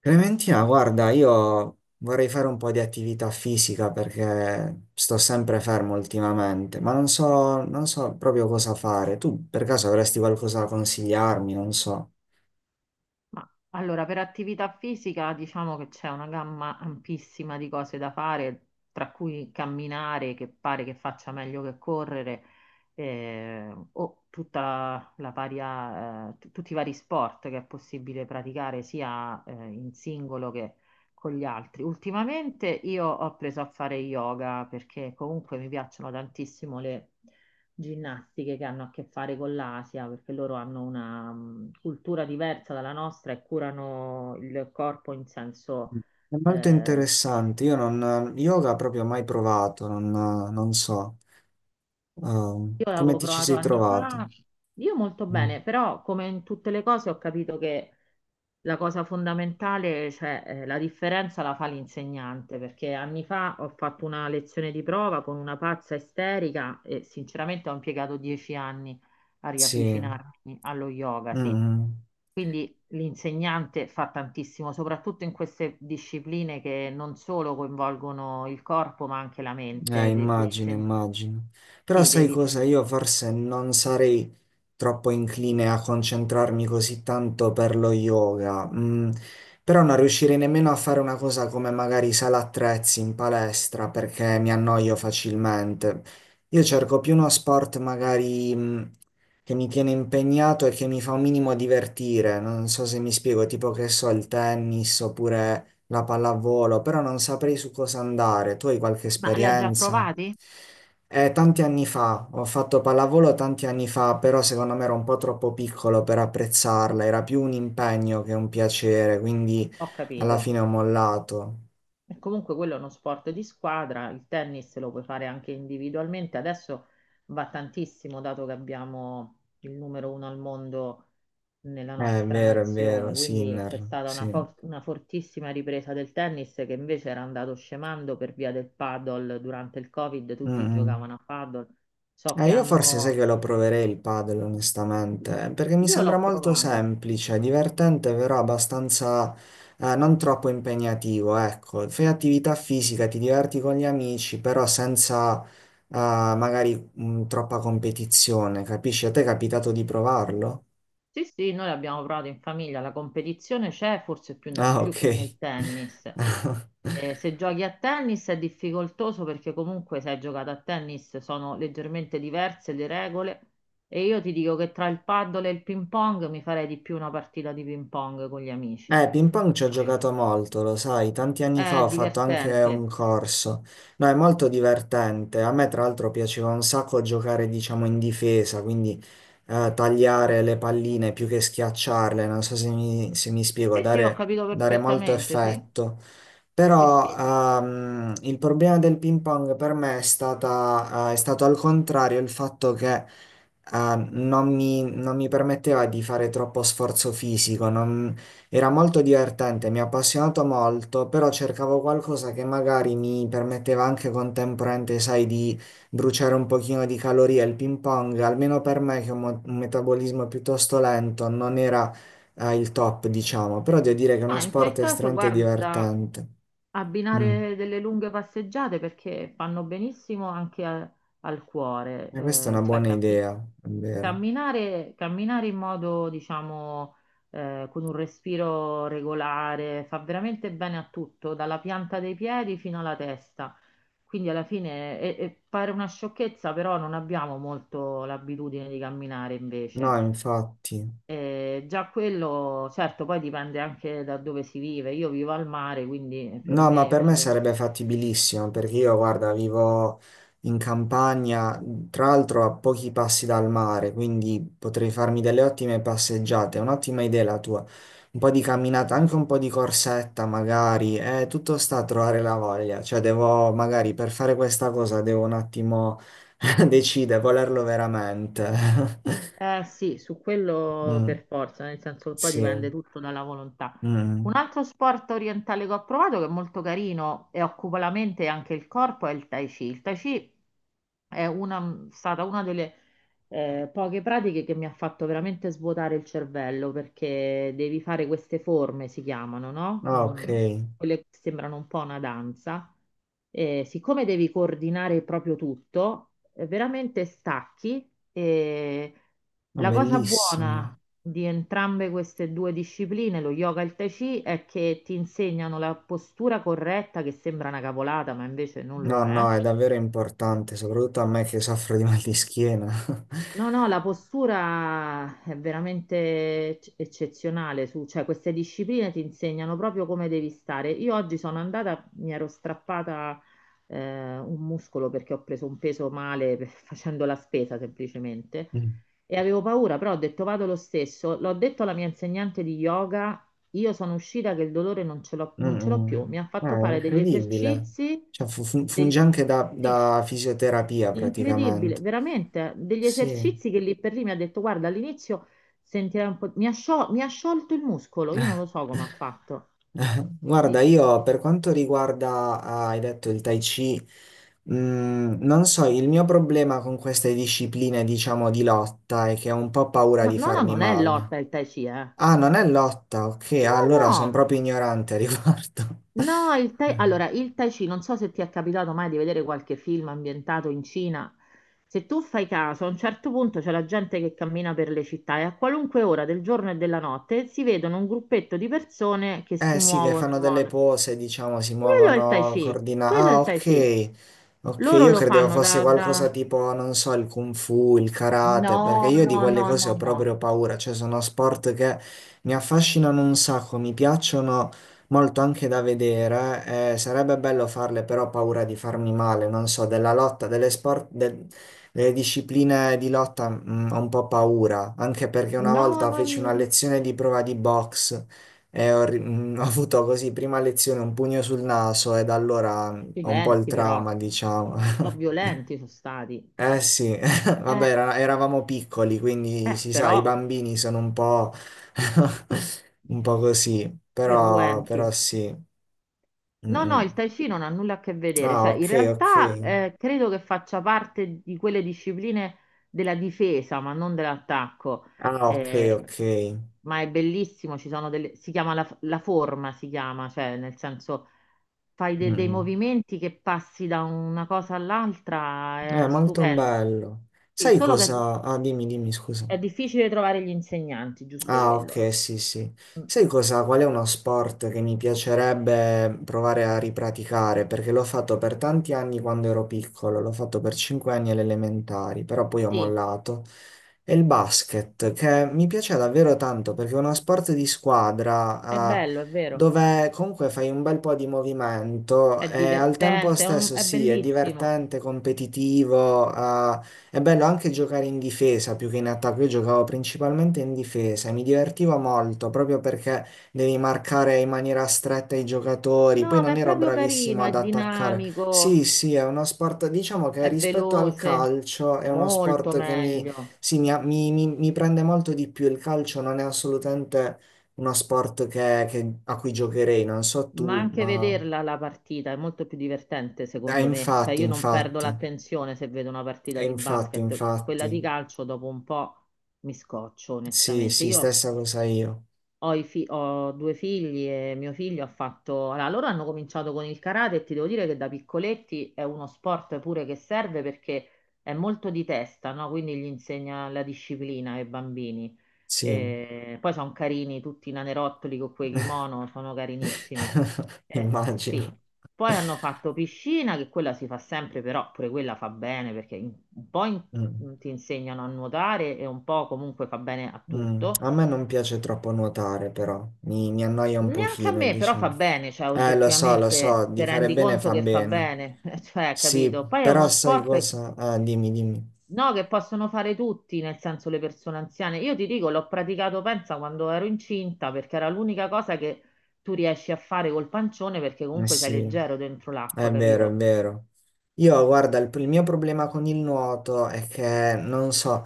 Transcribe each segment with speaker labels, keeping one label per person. Speaker 1: Clementina, guarda, io vorrei fare un po' di attività fisica perché sto sempre fermo ultimamente, ma non so, non so proprio cosa fare. Tu per caso avresti qualcosa da consigliarmi? Non so.
Speaker 2: Ma allora, per attività fisica diciamo che c'è una gamma ampissima di cose da fare, tra cui camminare, che pare che faccia meglio che correre, o tutta la varia, tutti i vari sport che è possibile praticare sia in singolo che con gli altri. Ultimamente io ho preso a fare yoga perché comunque mi piacciono tantissimo le ginnastiche che hanno a che fare con l'Asia, perché loro hanno una cultura diversa dalla nostra e curano il corpo in senso...
Speaker 1: È molto
Speaker 2: eh,
Speaker 1: interessante. Io non, yoga proprio mai provato, non, non so.
Speaker 2: io
Speaker 1: Come
Speaker 2: l'avevo
Speaker 1: ti ci
Speaker 2: provato
Speaker 1: sei
Speaker 2: anni
Speaker 1: trovato?
Speaker 2: fa, io molto
Speaker 1: Mm.
Speaker 2: bene, però come in tutte le cose ho capito che la cosa fondamentale, cioè la differenza la fa l'insegnante, perché anni fa ho fatto una lezione di prova con una pazza isterica e sinceramente ho impiegato 10 anni a
Speaker 1: Sì.
Speaker 2: riavvicinarmi allo yoga,
Speaker 1: Mm.
Speaker 2: sì.
Speaker 1: Mm.
Speaker 2: Quindi l'insegnante fa tantissimo, soprattutto in queste discipline che non solo coinvolgono il corpo, ma anche la mente.
Speaker 1: Immagino, immagino. Però
Speaker 2: Sì,
Speaker 1: sai cosa? Io forse non sarei troppo incline a concentrarmi così tanto per lo yoga. Mm, però non riuscirei nemmeno a fare una cosa come magari sala attrezzi in palestra perché mi annoio facilmente. Io cerco più uno sport magari, mm, che mi tiene impegnato e che mi fa un minimo divertire. Non so se mi spiego, tipo che so, il tennis oppure la pallavolo, però non saprei su cosa andare. Tu hai qualche
Speaker 2: ma l'hai già
Speaker 1: esperienza?
Speaker 2: provati?
Speaker 1: Tanti anni fa, ho fatto pallavolo tanti anni fa, però secondo me ero un po' troppo piccolo per apprezzarla, era più un impegno che un piacere, quindi
Speaker 2: Ho
Speaker 1: alla
Speaker 2: capito.
Speaker 1: fine ho mollato.
Speaker 2: E comunque quello è uno sport di squadra, il tennis lo puoi fare anche individualmente, adesso va tantissimo dato che abbiamo il numero uno al mondo nella
Speaker 1: È
Speaker 2: nostra
Speaker 1: vero, è vero,
Speaker 2: nazione, quindi c'è
Speaker 1: Sinner,
Speaker 2: stata
Speaker 1: sì.
Speaker 2: una fortissima ripresa del tennis che invece era andato scemando per via del paddle durante il Covid,
Speaker 1: Mm,
Speaker 2: tutti
Speaker 1: mm.
Speaker 2: giocavano a paddle, so che
Speaker 1: Io forse sai
Speaker 2: hanno...
Speaker 1: che lo proverei il padel, onestamente, perché mi
Speaker 2: Io l'ho
Speaker 1: sembra molto
Speaker 2: provato,
Speaker 1: semplice, divertente, però abbastanza non troppo impegnativo, ecco. Fai attività fisica, ti diverti con gli amici, però senza magari troppa competizione, capisci? A te è capitato di provarlo?
Speaker 2: sì sì, noi l'abbiamo provato in famiglia, la competizione c'è forse più
Speaker 1: Ah,
Speaker 2: più
Speaker 1: ok.
Speaker 2: che nel tennis. Se giochi a tennis è difficoltoso perché comunque se hai giocato a tennis sono leggermente diverse le regole e io ti dico che tra il paddle e il ping pong mi farei di più una partita di ping pong con gli amici.
Speaker 1: Ping pong ci ho
Speaker 2: Veramente.
Speaker 1: giocato molto, lo sai, tanti anni fa
Speaker 2: È
Speaker 1: ho fatto anche un
Speaker 2: divertente.
Speaker 1: corso. No, è molto divertente. A me, tra l'altro, piaceva un sacco giocare, diciamo, in difesa, quindi tagliare le palline più che schiacciarle, non so se mi, se mi spiego,
Speaker 2: Sì, sì, ho
Speaker 1: dare,
Speaker 2: capito
Speaker 1: dare molto
Speaker 2: perfettamente, sì.
Speaker 1: effetto.
Speaker 2: Sì,
Speaker 1: Però
Speaker 2: sì.
Speaker 1: il problema del ping pong per me è stata, è stato al contrario il fatto che non mi, non mi permetteva di fare troppo sforzo fisico, non, era molto divertente, mi ha appassionato molto, però cercavo qualcosa che magari mi permetteva anche contemporaneamente, sai, di bruciare un pochino di calorie. Il ping pong, almeno per me che ho un un metabolismo piuttosto lento, non era, il top, diciamo, però devo dire che è uno
Speaker 2: Ma in quel
Speaker 1: sport
Speaker 2: caso,
Speaker 1: estremamente
Speaker 2: guarda,
Speaker 1: divertente. Mm.
Speaker 2: abbinare delle lunghe passeggiate perché fanno benissimo anche al cuore,
Speaker 1: E questa è una buona idea, è vero.
Speaker 2: camminare, camminare in modo, diciamo, con un respiro regolare fa veramente bene a tutto, dalla pianta dei piedi fino alla testa. Quindi alla fine e pare una sciocchezza, però non abbiamo molto l'abitudine di camminare
Speaker 1: No,
Speaker 2: invece.
Speaker 1: infatti.
Speaker 2: Già quello, certo, poi dipende anche da dove si vive. Io vivo al mare, quindi per
Speaker 1: No, ma
Speaker 2: me
Speaker 1: per me
Speaker 2: fare
Speaker 1: sarebbe fattibilissimo perché io, guarda, vivo in campagna, tra l'altro a pochi passi dal mare, quindi potrei farmi delle ottime passeggiate. È un'ottima idea la tua. Un po' di camminata, anche un po' di corsetta magari. Tutto sta a trovare la voglia. Cioè, devo magari per fare questa cosa devo un attimo decidere, volerlo veramente.
Speaker 2: eh sì, su quello
Speaker 1: Mm,
Speaker 2: per forza, nel senso che poi
Speaker 1: sì.
Speaker 2: dipende tutto dalla volontà. Un
Speaker 1: Mm.
Speaker 2: altro sport orientale che ho provato, che è molto carino e occupa la mente e anche il corpo, è il Tai Chi. Il Tai Chi stata una delle poche pratiche che mi ha fatto veramente svuotare il cervello perché devi fare queste forme, si chiamano, no?
Speaker 1: Ah, ok.
Speaker 2: Mm, quelle che sembrano un po' una danza. E siccome devi coordinare proprio tutto, veramente stacchi e
Speaker 1: Ma
Speaker 2: la cosa buona
Speaker 1: bellissimo.
Speaker 2: di entrambe queste due discipline, lo yoga e il tai chi, è che ti insegnano la postura corretta che sembra una cavolata, ma invece non
Speaker 1: No,
Speaker 2: lo è.
Speaker 1: no, è davvero importante, soprattutto a me che soffro di mal di schiena.
Speaker 2: No, no, la postura è veramente eccezionale, su, cioè queste discipline ti insegnano proprio come devi stare. Io oggi sono andata, mi ero strappata un muscolo perché ho preso un peso male facendo la spesa semplicemente
Speaker 1: Mm.
Speaker 2: e avevo paura, però ho detto vado lo stesso, l'ho detto alla mia insegnante di yoga, io sono uscita che il dolore
Speaker 1: Mm,
Speaker 2: non ce l'ho
Speaker 1: mm.
Speaker 2: più, mi ha fatto
Speaker 1: Ah, è
Speaker 2: fare degli
Speaker 1: incredibile.
Speaker 2: esercizi,
Speaker 1: Cioè, funge
Speaker 2: del-
Speaker 1: anche da,
Speaker 2: sì.
Speaker 1: da fisioterapia
Speaker 2: Incredibile,
Speaker 1: praticamente.
Speaker 2: veramente, degli
Speaker 1: Sì.
Speaker 2: esercizi che lì per lì mi ha detto, guarda, all'inizio sentirai un po', mi ha sciolto il muscolo, io non lo so come ha fatto.
Speaker 1: Guarda,
Speaker 2: Sì.
Speaker 1: io per quanto riguarda, ah, hai detto il Tai Chi, mm, non so, il mio problema con queste discipline, diciamo, di lotta è che ho un po' paura
Speaker 2: Ma
Speaker 1: di
Speaker 2: no, no,
Speaker 1: farmi
Speaker 2: non è
Speaker 1: male.
Speaker 2: lotta il Tai Chi, eh.
Speaker 1: Ah, non è lotta, ok,
Speaker 2: No,
Speaker 1: allora sono
Speaker 2: no,
Speaker 1: proprio ignorante a riguardo.
Speaker 2: no, il allora, il Tai Chi, non so se ti è capitato mai di vedere qualche film ambientato in Cina, se tu fai caso, a un certo punto c'è la gente che cammina per le città e a qualunque ora del giorno e della notte si vedono un gruppetto di persone che si
Speaker 1: Eh sì, che
Speaker 2: muovono
Speaker 1: fanno
Speaker 2: in
Speaker 1: delle
Speaker 2: modo...
Speaker 1: pose, diciamo, si
Speaker 2: Quello è il Tai
Speaker 1: muovono
Speaker 2: Chi,
Speaker 1: coordinati.
Speaker 2: quello è
Speaker 1: Ah,
Speaker 2: il Tai Chi.
Speaker 1: ok. Ok,
Speaker 2: Loro
Speaker 1: io
Speaker 2: lo
Speaker 1: credevo
Speaker 2: fanno
Speaker 1: fosse
Speaker 2: da,
Speaker 1: qualcosa
Speaker 2: da-
Speaker 1: tipo, non so, il kung fu, il karate, perché
Speaker 2: No,
Speaker 1: io di
Speaker 2: no,
Speaker 1: quelle
Speaker 2: no,
Speaker 1: cose
Speaker 2: no,
Speaker 1: ho
Speaker 2: no.
Speaker 1: proprio paura, cioè sono sport che mi affascinano un sacco, mi piacciono molto anche da vedere, sarebbe bello farle, però ho paura di farmi male, non so, della lotta, delle sport, delle discipline di lotta, mm, ho un po' paura, anche perché una
Speaker 2: No,
Speaker 1: volta
Speaker 2: non...
Speaker 1: feci una lezione di prova di box. E ho, ho avuto così prima lezione un pugno sul naso e da allora mm, ho un po' il
Speaker 2: Accidenti però, un
Speaker 1: trauma, diciamo.
Speaker 2: po' violenti sono stati.
Speaker 1: Eh sì, vabbè,
Speaker 2: Eh,
Speaker 1: eravamo piccoli, quindi si sa, i
Speaker 2: però
Speaker 1: bambini sono un po', un po' così, però,
Speaker 2: irruenti.
Speaker 1: però sì. Mm,
Speaker 2: No, no, il
Speaker 1: mm.
Speaker 2: Tai Chi non ha nulla a che vedere,
Speaker 1: Ah,
Speaker 2: cioè
Speaker 1: ok,
Speaker 2: in
Speaker 1: ok.
Speaker 2: realtà credo che faccia parte di quelle discipline della difesa, ma non dell'attacco.
Speaker 1: Ah, ok,
Speaker 2: Eh,
Speaker 1: ok.
Speaker 2: ma è bellissimo, ci sono delle... si chiama la forma, si chiama, cioè nel senso fai dei
Speaker 1: Mm,
Speaker 2: movimenti che passi da una cosa
Speaker 1: mm.
Speaker 2: all'altra,
Speaker 1: È
Speaker 2: è
Speaker 1: molto
Speaker 2: stupendo.
Speaker 1: bello.
Speaker 2: Sì,
Speaker 1: Sai
Speaker 2: solo che
Speaker 1: cosa? Ah, dimmi, dimmi, scusa.
Speaker 2: è difficile trovare gli insegnanti, giusto
Speaker 1: Ah,
Speaker 2: quello.
Speaker 1: ok, sì, sì.
Speaker 2: Mm,
Speaker 1: Sai cosa? Qual è uno sport che mi piacerebbe provare a ripraticare? Perché l'ho fatto per tanti anni quando ero piccolo, l'ho fatto per 5 anni alle elementari, però poi ho
Speaker 2: sì,
Speaker 1: mollato. E il basket, che mi piace davvero tanto perché è uno sport di
Speaker 2: è
Speaker 1: squadra,
Speaker 2: bello, è vero,
Speaker 1: dove comunque fai un bel po' di movimento
Speaker 2: è
Speaker 1: e al tempo
Speaker 2: divertente,
Speaker 1: stesso
Speaker 2: è
Speaker 1: sì, è
Speaker 2: bellissimo.
Speaker 1: divertente, competitivo, è bello anche giocare in difesa più che in attacco. Io giocavo principalmente in difesa e mi divertivo molto proprio perché devi marcare in maniera stretta i giocatori. Poi
Speaker 2: No, ma
Speaker 1: non
Speaker 2: è
Speaker 1: ero
Speaker 2: proprio
Speaker 1: bravissimo
Speaker 2: carino, è
Speaker 1: ad attaccare. Sì,
Speaker 2: dinamico,
Speaker 1: sì, è uno sport, diciamo che
Speaker 2: è
Speaker 1: rispetto al
Speaker 2: veloce,
Speaker 1: calcio è uno
Speaker 2: molto
Speaker 1: sport che mi
Speaker 2: meglio.
Speaker 1: sì, mi, mi prende molto di più il calcio, non è assolutamente uno sport a cui giocherei, non so
Speaker 2: Ma
Speaker 1: tu,
Speaker 2: anche
Speaker 1: ma...
Speaker 2: vederla la partita è molto più divertente, secondo me. Cioè,
Speaker 1: Infatti,
Speaker 2: io non perdo
Speaker 1: infatti,
Speaker 2: l'attenzione se vedo una partita di
Speaker 1: infatti,
Speaker 2: basket. Quella
Speaker 1: infatti,
Speaker 2: di calcio dopo un po' mi scoccio,
Speaker 1: sì,
Speaker 2: onestamente.
Speaker 1: sì,
Speaker 2: Io
Speaker 1: stessa cosa io,
Speaker 2: Ho, i fi- ho due figli e mio figlio ha fatto... Allora, loro hanno cominciato con il karate e ti devo dire che da piccoletti è uno sport pure che serve perché è molto di testa, no? Quindi gli insegna la disciplina ai bambini.
Speaker 1: sì,
Speaker 2: Poi sono carini tutti i nanerottoli con quei kimono, sono carinissimi.
Speaker 1: immagino.
Speaker 2: Sì. Poi hanno fatto piscina, che quella si fa sempre, però pure quella fa bene perché
Speaker 1: Mm,
Speaker 2: ti insegnano a nuotare e un po' comunque fa bene a
Speaker 1: mm.
Speaker 2: tutto.
Speaker 1: A me non piace troppo nuotare, però, mi annoia un
Speaker 2: Neanche a
Speaker 1: pochino,
Speaker 2: me, però
Speaker 1: diciamo.
Speaker 2: fa bene, cioè
Speaker 1: Lo so,
Speaker 2: oggettivamente
Speaker 1: di
Speaker 2: ti
Speaker 1: fare
Speaker 2: rendi
Speaker 1: bene
Speaker 2: conto
Speaker 1: fa
Speaker 2: che fa
Speaker 1: bene,
Speaker 2: bene, cioè,
Speaker 1: sì,
Speaker 2: capito? Poi è uno
Speaker 1: però sai
Speaker 2: sport
Speaker 1: cosa? Dimmi, dimmi.
Speaker 2: no, che possono fare tutti, nel senso le persone anziane. Io ti dico, l'ho praticato, pensa, quando ero incinta, perché era l'unica cosa che tu riesci a fare col pancione, perché
Speaker 1: Eh
Speaker 2: comunque sei
Speaker 1: sì,
Speaker 2: leggero dentro l'acqua,
Speaker 1: è vero, è
Speaker 2: capito?
Speaker 1: vero. Io, guarda, il mio problema con il nuoto è che non so,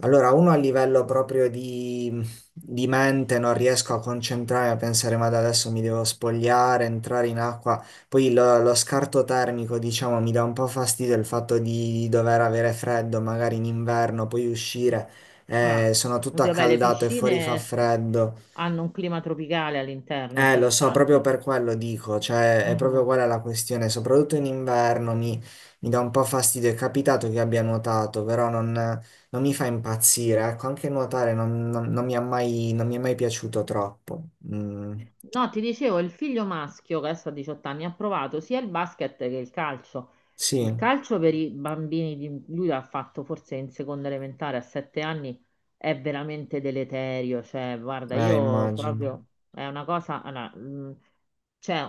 Speaker 1: allora uno a livello proprio di mente non riesco a concentrarmi, a pensare, ma da adesso mi devo spogliare, entrare in acqua, poi lo, lo scarto termico, diciamo, mi dà un po' fastidio il fatto di dover avere freddo, magari in inverno, poi uscire,
Speaker 2: Ah,
Speaker 1: sono tutto
Speaker 2: così, vabbè, le
Speaker 1: accaldato e fuori fa freddo.
Speaker 2: hanno un clima tropicale all'interno, sì,
Speaker 1: Lo so, proprio
Speaker 2: infatti.
Speaker 1: per quello dico, cioè è proprio
Speaker 2: Mhm.
Speaker 1: quella la questione, soprattutto in inverno mi, mi dà un po' fastidio, è capitato che abbia nuotato, però non, non mi fa impazzire, ecco, anche nuotare non, non mi ha mai, non mi è mai piaciuto troppo. Mm,
Speaker 2: No, ti dicevo, il figlio maschio che adesso ha 18 anni ha provato sia il basket che il calcio.
Speaker 1: sì,
Speaker 2: Il calcio per i bambini, di... lui l'ha fatto forse in seconda elementare a 7 anni, è veramente deleterio. Cioè, guarda, io
Speaker 1: immagino.
Speaker 2: proprio è una cosa, allora, c'è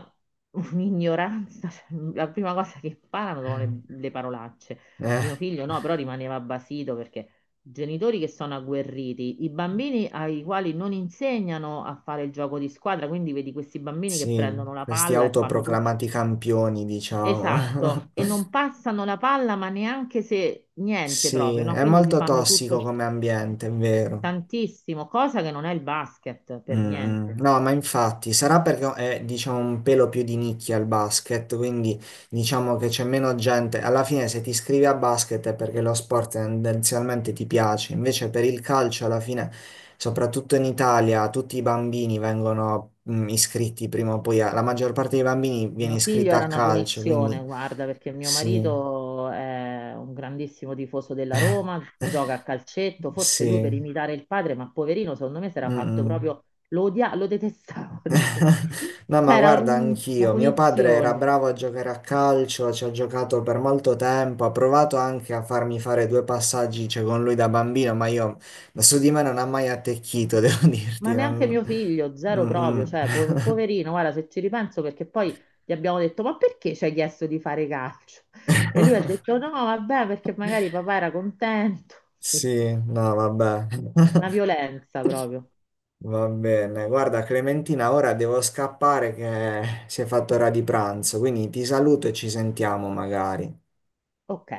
Speaker 2: un'ignoranza. Cioè, la prima cosa che imparano sono le parolacce. Mio
Speaker 1: Eh,
Speaker 2: figlio no, però rimaneva basito perché genitori che sono agguerriti, i bambini ai quali non insegnano a fare il gioco di squadra, quindi vedi questi bambini che
Speaker 1: sì,
Speaker 2: prendono la
Speaker 1: questi
Speaker 2: palla e fanno tutto.
Speaker 1: autoproclamati campioni, diciamo.
Speaker 2: Esatto, e non passano la palla, ma neanche se niente
Speaker 1: Sì,
Speaker 2: proprio, no?
Speaker 1: è
Speaker 2: Quindi si
Speaker 1: molto
Speaker 2: fanno tutto
Speaker 1: tossico come ambiente, è vero.
Speaker 2: tantissimo, cosa che non è il basket
Speaker 1: Mm,
Speaker 2: per
Speaker 1: mm.
Speaker 2: niente.
Speaker 1: No, ma infatti sarà perché è, diciamo, un pelo più di nicchia il basket, quindi diciamo che c'è meno gente. Alla fine, se ti iscrivi a basket è perché lo sport tendenzialmente ti piace. Invece, per il calcio, alla fine, soprattutto in Italia, tutti i bambini vengono, mm, iscritti prima o poi. La maggior parte dei bambini viene
Speaker 2: Mio figlio
Speaker 1: iscritta
Speaker 2: era
Speaker 1: a
Speaker 2: una
Speaker 1: calcio,
Speaker 2: punizione,
Speaker 1: quindi
Speaker 2: guarda, perché mio
Speaker 1: sì,
Speaker 2: marito è un grandissimo tifoso della Roma, gioca a calcetto, forse lui per
Speaker 1: sì.
Speaker 2: imitare il padre, ma poverino, secondo me si
Speaker 1: Mm,
Speaker 2: era fatto
Speaker 1: mm.
Speaker 2: proprio, lo odia, lo detestava da solo.
Speaker 1: No, ma
Speaker 2: C'era
Speaker 1: guarda,
Speaker 2: una
Speaker 1: anch'io. Mio padre era
Speaker 2: punizione,
Speaker 1: bravo a giocare a calcio, ci ha giocato per molto tempo, ha provato anche a farmi fare due passaggi, cioè, con lui da bambino, ma io su di me non ha mai attecchito, devo
Speaker 2: ma
Speaker 1: dirti.
Speaker 2: neanche mio figlio, zero
Speaker 1: Mm,
Speaker 2: proprio,
Speaker 1: mm.
Speaker 2: cioè, poverino, guarda, se ci ripenso, perché poi gli abbiamo detto, ma perché ci hai chiesto di fare calcio? E lui ha detto, no, vabbè, perché magari papà era contento.
Speaker 1: Sì, no, vabbè.
Speaker 2: Una violenza proprio.
Speaker 1: Va bene. Guarda, Clementina, ora devo scappare che si è fatto ora di pranzo, quindi ti saluto e ci sentiamo magari.
Speaker 2: Ok.